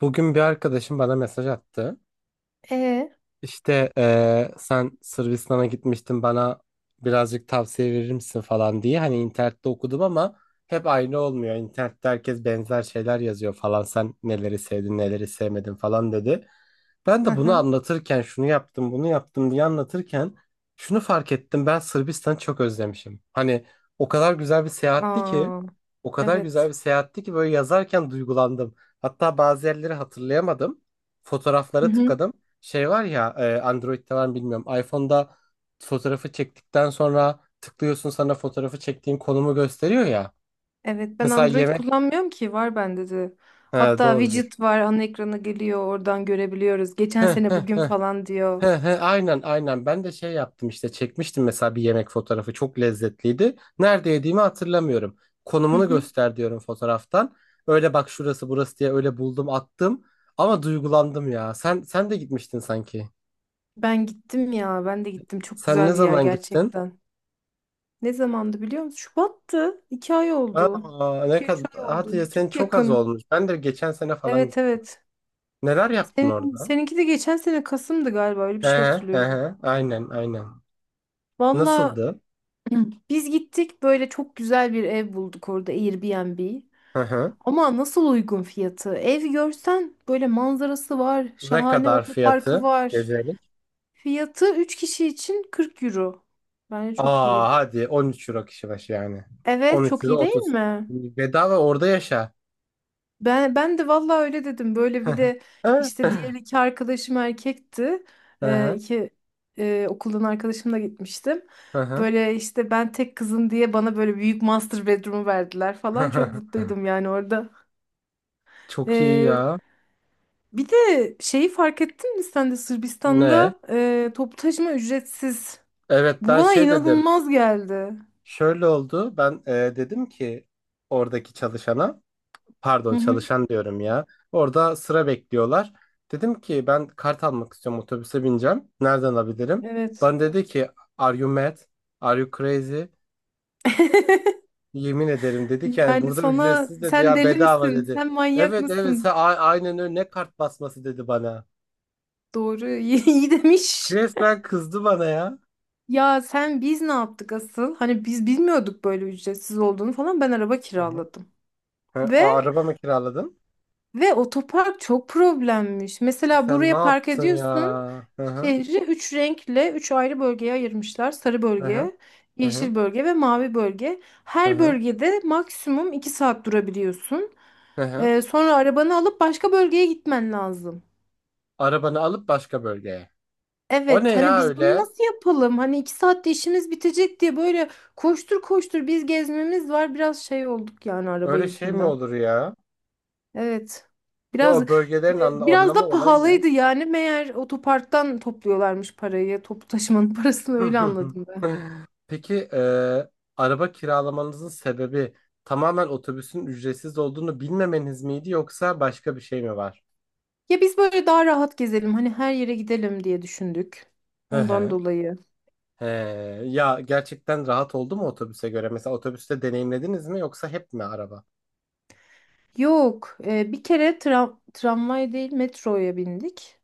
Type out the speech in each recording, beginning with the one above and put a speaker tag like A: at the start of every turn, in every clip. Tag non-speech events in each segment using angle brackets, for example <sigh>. A: Bugün bir arkadaşım bana mesaj attı.
B: E,
A: İşte sen Sırbistan'a gitmiştin bana birazcık tavsiye verir misin falan diye. Hani internette okudum ama hep aynı olmuyor. İnternette herkes benzer şeyler yazıyor falan. Sen neleri sevdin neleri sevmedin falan dedi. Ben
B: hı
A: de bunu
B: hı.
A: anlatırken şunu yaptım bunu yaptım diye anlatırken şunu fark ettim. Ben Sırbistan'ı çok özlemişim. Hani o kadar güzel bir seyahatti ki
B: Aa,
A: o kadar güzel
B: evet.
A: bir seyahatti ki böyle yazarken duygulandım. Hatta bazı yerleri hatırlayamadım.
B: Hı
A: Fotoğraflara
B: hı.
A: tıkladım. Şey var ya Android'de var mı bilmiyorum. iPhone'da fotoğrafı çektikten sonra tıklıyorsun sana fotoğrafı çektiğin konumu gösteriyor ya.
B: Evet,
A: <laughs>
B: ben
A: Mesela
B: Android
A: yemek.
B: kullanmıyorum ki, var bende de.
A: He,
B: Hatta
A: doğrudur.
B: widget var, ana ekrana geliyor, oradan görebiliyoruz.
A: He,
B: Geçen
A: he,
B: sene bugün
A: he.
B: falan
A: He,
B: diyor.
A: he, aynen aynen ben de şey yaptım işte çekmiştim mesela bir yemek fotoğrafı çok lezzetliydi. Nerede yediğimi hatırlamıyorum.
B: Hı
A: Konumunu
B: hı.
A: göster diyorum fotoğraftan. Öyle bak şurası burası diye öyle buldum attım. Ama duygulandım ya. Sen de gitmiştin sanki.
B: Ben gittim ya, ben de gittim, çok
A: Sen
B: güzel
A: ne
B: bir yer
A: zaman gittin?
B: gerçekten. Ne zamandı biliyor musun? Şubat'tı. 2 ay oldu.
A: Aa, ne
B: İki üç
A: kadar
B: ay
A: hadi
B: oldu.
A: ya senin
B: Çok
A: çok az
B: yakın.
A: olmuş. Ben de geçen sene falan
B: Evet
A: gittim.
B: evet.
A: Neler yaptın
B: Senin,
A: orada?
B: seninki de geçen sene Kasım'dı galiba, öyle bir
A: Hı
B: şey
A: hı
B: hatırlıyorum.
A: hı. Aynen aynen.
B: Valla,
A: Nasıldı?
B: <clears throat> biz gittik, böyle çok güzel bir ev bulduk orada, Airbnb.
A: Hı hı.
B: Ama nasıl uygun fiyatı! Ev görsen, böyle manzarası var,
A: Ne
B: şahane
A: kadar
B: otoparkı
A: fiyatı
B: var.
A: gezelik?
B: Fiyatı 3 kişi için 40 euro. Bence çok
A: Aa
B: iyiydi.
A: hadi 13 euro kişi başı yani.
B: Evet,
A: 13
B: çok
A: euro
B: iyi değil
A: 30.
B: mi?
A: Bedava orada yaşa.
B: Ben de vallahi öyle dedim. Böyle bir
A: <laughs>
B: de işte
A: Hı
B: diğer iki arkadaşım erkekti.
A: hı
B: İki okuldan arkadaşımla gitmiştim.
A: hı
B: Böyle işte, ben tek kızım diye bana böyle büyük master bedroom'u verdiler falan. Çok
A: hı. <laughs>
B: mutluydum yani orada.
A: Çok iyi
B: Ee,
A: ya.
B: bir de şeyi fark ettin mi, sen de
A: Ne?
B: Sırbistan'da toplu taşıma ücretsiz.
A: Evet
B: Bu
A: ben
B: bana
A: şey dedim.
B: inanılmaz geldi.
A: Şöyle oldu. Ben dedim ki oradaki çalışana.
B: Hı
A: Pardon
B: hı.
A: çalışan diyorum ya. Orada sıra bekliyorlar. Dedim ki ben kart almak istiyorum otobüse bineceğim. Nereden alabilirim?
B: Evet.
A: Bana dedi ki Are you mad? Are you crazy?
B: <laughs>
A: Yemin ederim dedi ki yani
B: Yani
A: burada
B: sana,
A: ücretsiz dedi
B: sen
A: ya
B: deli
A: bedava
B: misin,
A: dedi.
B: sen manyak
A: Evet evet sen
B: mısın?
A: aynen öyle ne kart basması dedi bana.
B: Doğru. <laughs> İyi, iyi demiş.
A: Resmen kızdı bana ya.
B: Ya sen, biz ne yaptık asıl? Hani biz bilmiyorduk böyle ücretsiz olduğunu falan. Ben araba
A: Hı hı.
B: kiraladım.
A: Hı,
B: Ve
A: araba mı kiraladın?
B: ve otopark çok problemmiş. Mesela
A: Sen ne
B: buraya park
A: yaptın ya?
B: ediyorsun.
A: Hı hı.
B: Şehri üç renkle üç ayrı bölgeye ayırmışlar. Sarı
A: Hı hı.
B: bölge,
A: Hı hı.
B: yeşil bölge ve mavi bölge.
A: Hı
B: Her
A: hı.
B: bölgede maksimum 2 saat durabiliyorsun.
A: Hı hı.
B: Sonra arabanı alıp başka bölgeye gitmen lazım.
A: Arabanı alıp başka bölgeye. O ne
B: Evet, hani
A: ya
B: biz bunu
A: öyle?
B: nasıl yapalım? Hani 2 saatte işimiz bitecek diye böyle koştur koştur, biz gezmemiz var. Biraz şey olduk yani araba
A: Öyle şey mi
B: yüzünden.
A: olur ya?
B: Evet.
A: Ya
B: Biraz e,
A: o bölgelerin
B: biraz
A: anlamı
B: da
A: olayı ne?
B: pahalıydı yani. Meğer otoparktan topluyorlarmış parayı. Toplu taşımanın <laughs> parasını öyle
A: <laughs>
B: anladım ben.
A: Peki araba kiralamanızın sebebi tamamen otobüsün ücretsiz olduğunu bilmemeniz miydi yoksa başka bir şey mi var?
B: Ya biz böyle daha rahat gezelim, hani her yere gidelim diye düşündük.
A: Hı
B: Ondan
A: hı.
B: dolayı.
A: He, ya gerçekten rahat oldu mu otobüse göre? Mesela otobüste deneyimlediniz mi yoksa hep mi araba?
B: Yok. Bir kere tramvay değil, metroya bindik.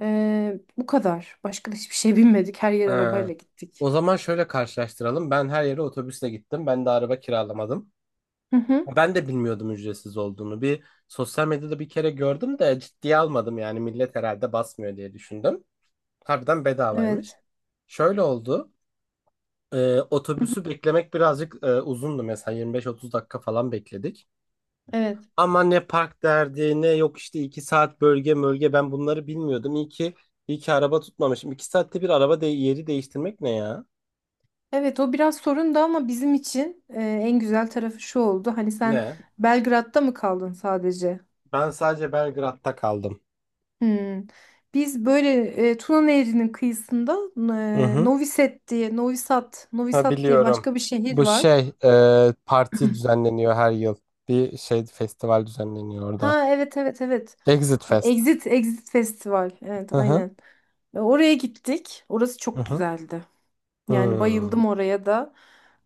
B: Bu kadar. Başka da hiçbir şey bilmedik. Her yer
A: He.
B: arabayla
A: O
B: gittik.
A: zaman şöyle karşılaştıralım. Ben her yere otobüsle gittim. Ben de araba kiralamadım.
B: Hı hı.
A: Ben de bilmiyordum ücretsiz olduğunu. Bir sosyal medyada bir kere gördüm de ciddiye almadım yani millet herhalde basmıyor diye düşündüm. Harbiden bedavaymış.
B: Evet.
A: Şöyle oldu.
B: Hı hı.
A: Otobüsü beklemek birazcık uzundu mesela 25-30 dakika falan bekledik.
B: Evet.
A: Ama ne park derdi ne yok işte 2 saat bölge bölge ben bunları bilmiyordum. İyi ki araba tutmamışım. İki saatte bir araba de yeri değiştirmek ne ya?
B: Evet, o biraz sorundu ama bizim için en güzel tarafı şu oldu. Hani sen
A: Ne?
B: Belgrad'da mı kaldın sadece?
A: Ben sadece Belgrad'da kaldım.
B: Hmm. Biz böyle Tuna Nehri'nin kıyısında,
A: Hı hı.
B: Novi Sad diye, Novi Sad, Novi
A: Ha
B: Sad diye
A: biliyorum.
B: başka bir şehir
A: Bu
B: var.
A: şey parti düzenleniyor her yıl. Bir şey festival düzenleniyor orada.
B: Ha evet evet evet.
A: Exit Fest.
B: Exit Festival. Evet,
A: Hı hı.
B: aynen. Oraya gittik. Orası
A: Hı
B: çok
A: hı.
B: güzeldi. Yani
A: Hmm.
B: bayıldım oraya da.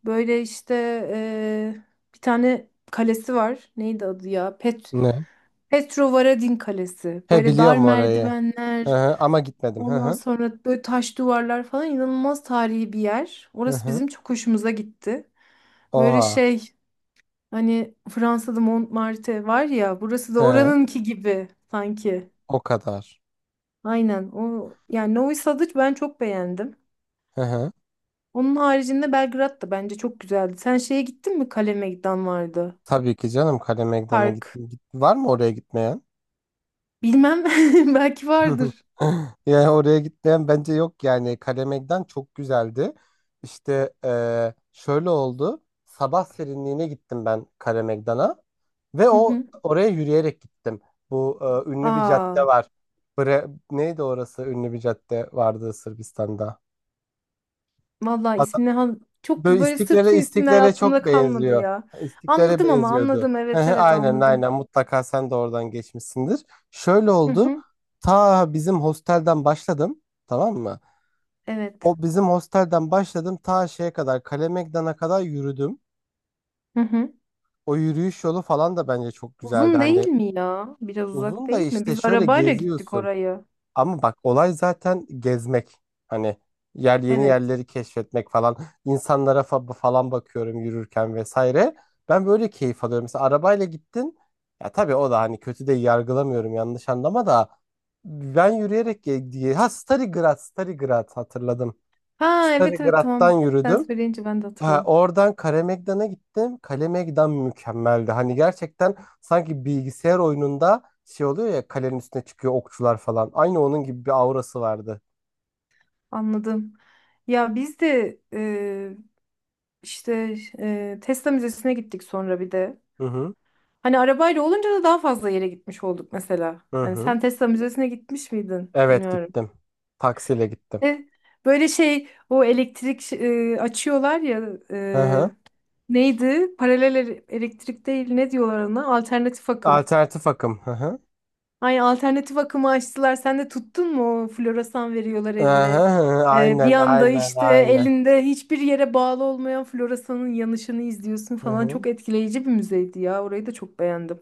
B: Böyle işte, eee, bir tane kalesi var. Neydi adı ya?
A: Ne?
B: Petrovaradin Kalesi.
A: He
B: Böyle dar
A: biliyorum orayı. Hı
B: merdivenler,
A: hı. Ama gitmedim. Hı
B: ondan
A: hı.
B: sonra böyle taş duvarlar falan, inanılmaz tarihi bir yer.
A: Hı
B: Orası
A: hı.
B: bizim çok hoşumuza gitti. Böyle
A: Oha.
B: şey, hani Fransa'da Montmartre var ya, burası da
A: He.
B: oranınki gibi sanki.
A: O kadar.
B: Aynen o, yani Novi Sad'ı ben çok beğendim.
A: Hı hı.
B: Onun haricinde Belgrad da bence çok güzeldi. Sen şeye gittin mi? Kale vardı.
A: Tabii ki canım Kale Meydan'a git,
B: Park.
A: git. Var mı oraya gitmeyen?
B: Bilmem. <laughs> Belki
A: <laughs>
B: vardır.
A: Yani oraya gitmeyen bence yok yani Kalemegdan çok güzeldi. İşte şöyle oldu. Sabah serinliğine gittim ben Kalemegdan'a ve
B: Hı
A: o
B: hı.
A: oraya yürüyerek gittim. Bu ünlü bir cadde
B: Aa,
A: var. Bre neydi orası? Ünlü bir cadde vardı Sırbistan'da.
B: vallahi ismini çok,
A: Böyle
B: böyle
A: İstiklal'e
B: Sırpça isimler
A: İstiklal'e çok
B: aklımda kalmadı
A: benziyor.
B: ya.
A: İstiklal'e
B: Anladım ama,
A: benziyordu.
B: anladım.
A: Hı
B: Evet
A: hı,
B: evet,
A: aynen
B: anladım.
A: aynen mutlaka sen de oradan geçmişsindir. Şöyle
B: Hı
A: oldu.
B: hı.
A: Ta bizim hostelden başladım. Tamam mı?
B: Evet.
A: O bizim hostelden başladım ta şeye kadar Kale Meydan'a kadar yürüdüm.
B: Hı hı.
A: O yürüyüş yolu falan da bence çok güzeldi.
B: Uzun değil
A: Hani
B: mi ya? Biraz uzak
A: uzun da
B: değil mi?
A: işte
B: Biz
A: şöyle
B: arabayla gittik
A: geziyorsun.
B: oraya.
A: Ama bak olay zaten gezmek. Hani yeni
B: Evet.
A: yerleri keşfetmek falan. İnsanlara falan bakıyorum yürürken vesaire. Ben böyle keyif alıyorum. Mesela arabayla gittin. Ya tabii o da hani kötü de yargılamıyorum yanlış anlama da. Ben yürüyerek diye. Ha Starigrad hatırladım.
B: Ha evet evet,
A: Starigrad'dan
B: tamam. Sen
A: yürüdüm.
B: söyleyince ben de
A: Ha,
B: hatırladım.
A: oradan Kalemegdan'a gittim. Kalemegdan mükemmeldi. Hani gerçekten sanki bilgisayar oyununda şey oluyor ya kalenin üstüne çıkıyor okçular falan. Aynı onun gibi bir aurası vardı.
B: Anladım. Ya biz de İşte Tesla Müzesi'ne gittik sonra bir de.
A: Hı hı.
B: Hani arabayla olunca da daha fazla yere gitmiş olduk mesela.
A: Hı
B: Hani
A: hı.
B: sen Tesla Müzesi'ne gitmiş miydin?
A: Evet
B: Bilmiyorum.
A: gittim. Taksiyle gittim.
B: E, Böyle şey, o elektrik, açıyorlar ya,
A: Hı hı.
B: neydi? Paralel elektrik değil, ne diyorlar ona? Alternatif akım.
A: Alternatif akım. Hı hı.
B: Ay, alternatif akımı açtılar. Sen de tuttun mu? O floresan veriyorlar
A: Hı hı.
B: eline.
A: Hı.
B: Bir
A: Aynen
B: anda
A: aynen
B: işte
A: aynen.
B: elinde hiçbir yere bağlı olmayan floresanın yanışını izliyorsun
A: Hı
B: falan.
A: hı.
B: Çok etkileyici bir müzeydi ya. Orayı da çok beğendim.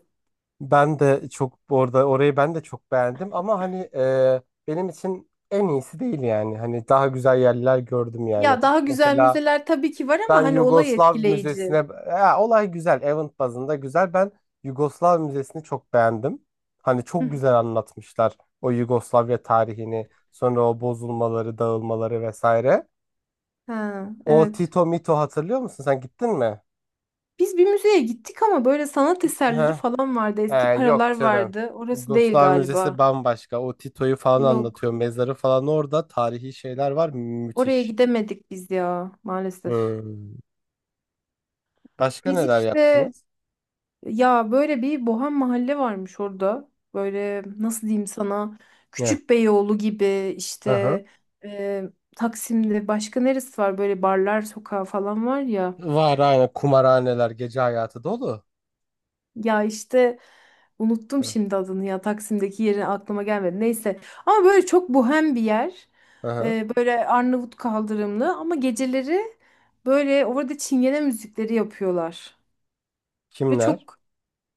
A: Ben de çok orada orayı ben de çok beğendim ama hani benim için en iyisi değil yani. Hani daha güzel yerler gördüm yani.
B: Ya, daha güzel
A: Mesela
B: müzeler tabii ki var
A: Ben
B: ama hani olay
A: Yugoslav Müzesi'ne
B: etkileyici.
A: ya, olay güzel. Event bazında güzel. Ben Yugoslav Müzesi'ni çok beğendim. Hani
B: Hı
A: çok
B: hı.
A: güzel anlatmışlar o Yugoslavya tarihini, sonra o bozulmaları, dağılmaları vesaire.
B: Ha,
A: O
B: evet.
A: Tito Mito hatırlıyor musun? Sen gittin mi?
B: Biz bir müzeye gittik ama böyle sanat eserleri
A: Heh.
B: falan vardı,
A: He,
B: eski
A: yok
B: paralar
A: canım.
B: vardı. Orası değil
A: Yugoslav Müzesi
B: galiba.
A: bambaşka. O Tito'yu falan anlatıyor.
B: Yok.
A: Mezarı falan orada. Tarihi şeyler var.
B: Oraya
A: Müthiş.
B: gidemedik biz ya, maalesef.
A: Hmm. Başka
B: Biz
A: neler
B: işte,
A: yaptınız?
B: ya böyle bir bohem mahalle varmış orada. Böyle nasıl diyeyim sana,
A: Ne?
B: Küçükbeyoğlu gibi
A: Hı
B: işte,
A: hı.
B: e, Taksim'de başka neresi var, böyle barlar sokağı falan var ya.
A: Var aynı kumarhaneler, gece hayatı dolu.
B: Ya işte unuttum
A: Hı,
B: şimdi adını ya, Taksim'deki yeri aklıma gelmedi. Neyse, ama böyle çok bohem bir yer.
A: hı hı.
B: Böyle Arnavut kaldırımlı ama geceleri böyle orada çingene müzikleri yapıyorlar. Ve
A: Kimler?
B: çok.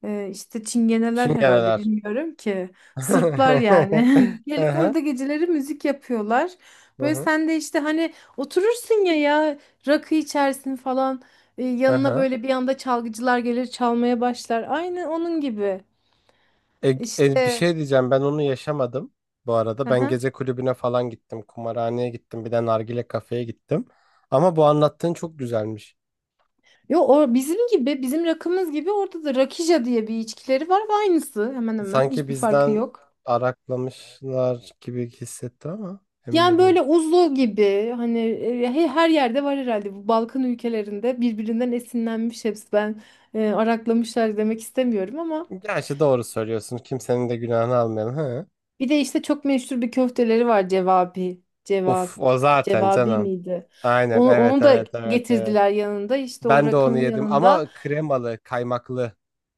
B: İşte Çingeneler herhalde,
A: Şimgeneler.
B: bilmiyorum ki. Sırplar yani.
A: <laughs> Hı
B: <laughs> Gelip
A: hı,
B: orada geceleri müzik yapıyorlar.
A: hı
B: Böyle
A: hı,
B: sen de işte, hani oturursun ya rakı içersin falan. Ee,
A: hı
B: yanına
A: hı.
B: böyle bir anda çalgıcılar gelir, çalmaya başlar. Aynı onun gibi.
A: E, Bir
B: İşte.
A: şey diyeceğim ben onu yaşamadım bu arada. Ben
B: Aha.
A: gece kulübüne falan gittim, kumarhaneye gittim, bir de nargile kafeye gittim. Ama bu anlattığın çok güzelmiş.
B: Yo, o bizim gibi, bizim rakımız gibi, orada da rakija diye bir içkileri var ve aynısı, hemen hemen
A: Sanki
B: hiçbir farkı
A: bizden
B: yok.
A: araklamışlar gibi hissettim ama emin
B: Yani
A: de değilim.
B: böyle uzlu gibi, hani her yerde var herhalde, bu Balkan ülkelerinde birbirinden esinlenmiş hepsi. Ben araklamışlar demek istemiyorum ama
A: Gerçi doğru söylüyorsun. Kimsenin de günahını almayalım. Hı.
B: bir de işte çok meşhur bir köfteleri var, cevabi,
A: Uf
B: cevap,
A: o zaten
B: cevabi
A: canım.
B: miydi?
A: Aynen
B: Onu,
A: evet
B: onu da
A: evet evet evet.
B: getirdiler yanında işte, o
A: Ben de onu
B: rakının
A: yedim
B: yanında.
A: ama kremalı, kaymaklı.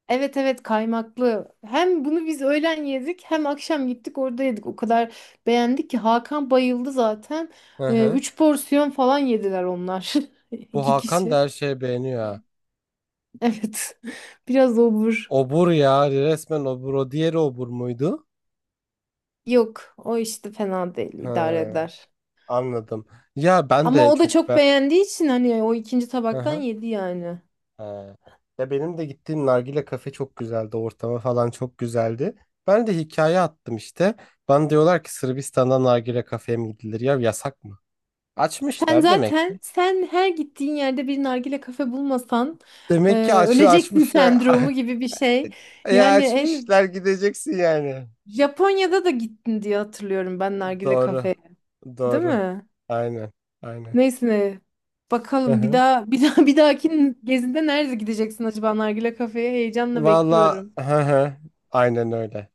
B: Evet evet, kaymaklı. Hem bunu biz öğlen yedik, hem akşam gittik orada yedik. O kadar beğendik ki Hakan bayıldı zaten.
A: Hı hı.
B: 3 porsiyon falan yediler onlar, <laughs>
A: Bu
B: iki
A: Hakan
B: kişi.
A: da her şeye beğeniyor ha.
B: Evet. <laughs> Biraz obur.
A: Obur ya resmen obur. O diğeri obur muydu?
B: Yok, o işte fena değil,
A: Ha,
B: idare eder.
A: anladım. Ya ben
B: Ama
A: de
B: o da
A: çok
B: çok
A: ben.
B: beğendiği için hani o ikinci
A: Hı
B: tabaktan
A: hı.
B: yedi yani.
A: Ha. Ya benim de gittiğim nargile kafe çok güzeldi. Ortamı falan çok güzeldi. Ben de hikaye attım işte. Bana diyorlar ki Sırbistan'da nargile kafeye mi gidilir? Ya yasak mı?
B: Sen
A: Açmışlar demek
B: zaten,
A: ki.
B: sen her gittiğin yerde bir nargile kafe bulmasan
A: Demek ki aç,
B: öleceksin <laughs>
A: açmışlar.
B: sendromu
A: <laughs>
B: gibi bir şey.
A: Ya
B: Yani en
A: açmışlar gideceksin yani.
B: Japonya'da da gittin diye hatırlıyorum ben, nargile
A: Doğru.
B: kafeye, değil
A: Doğru.
B: mi?
A: Aynen. Aynen.
B: Neyse ne.
A: Hı
B: Bakalım bir
A: hı.
B: daha bir daha bir dahaki gezinde nerede gideceksin acaba, nargile kafeye heyecanla
A: Valla
B: bekliyorum.
A: hı hı. Aynen öyle.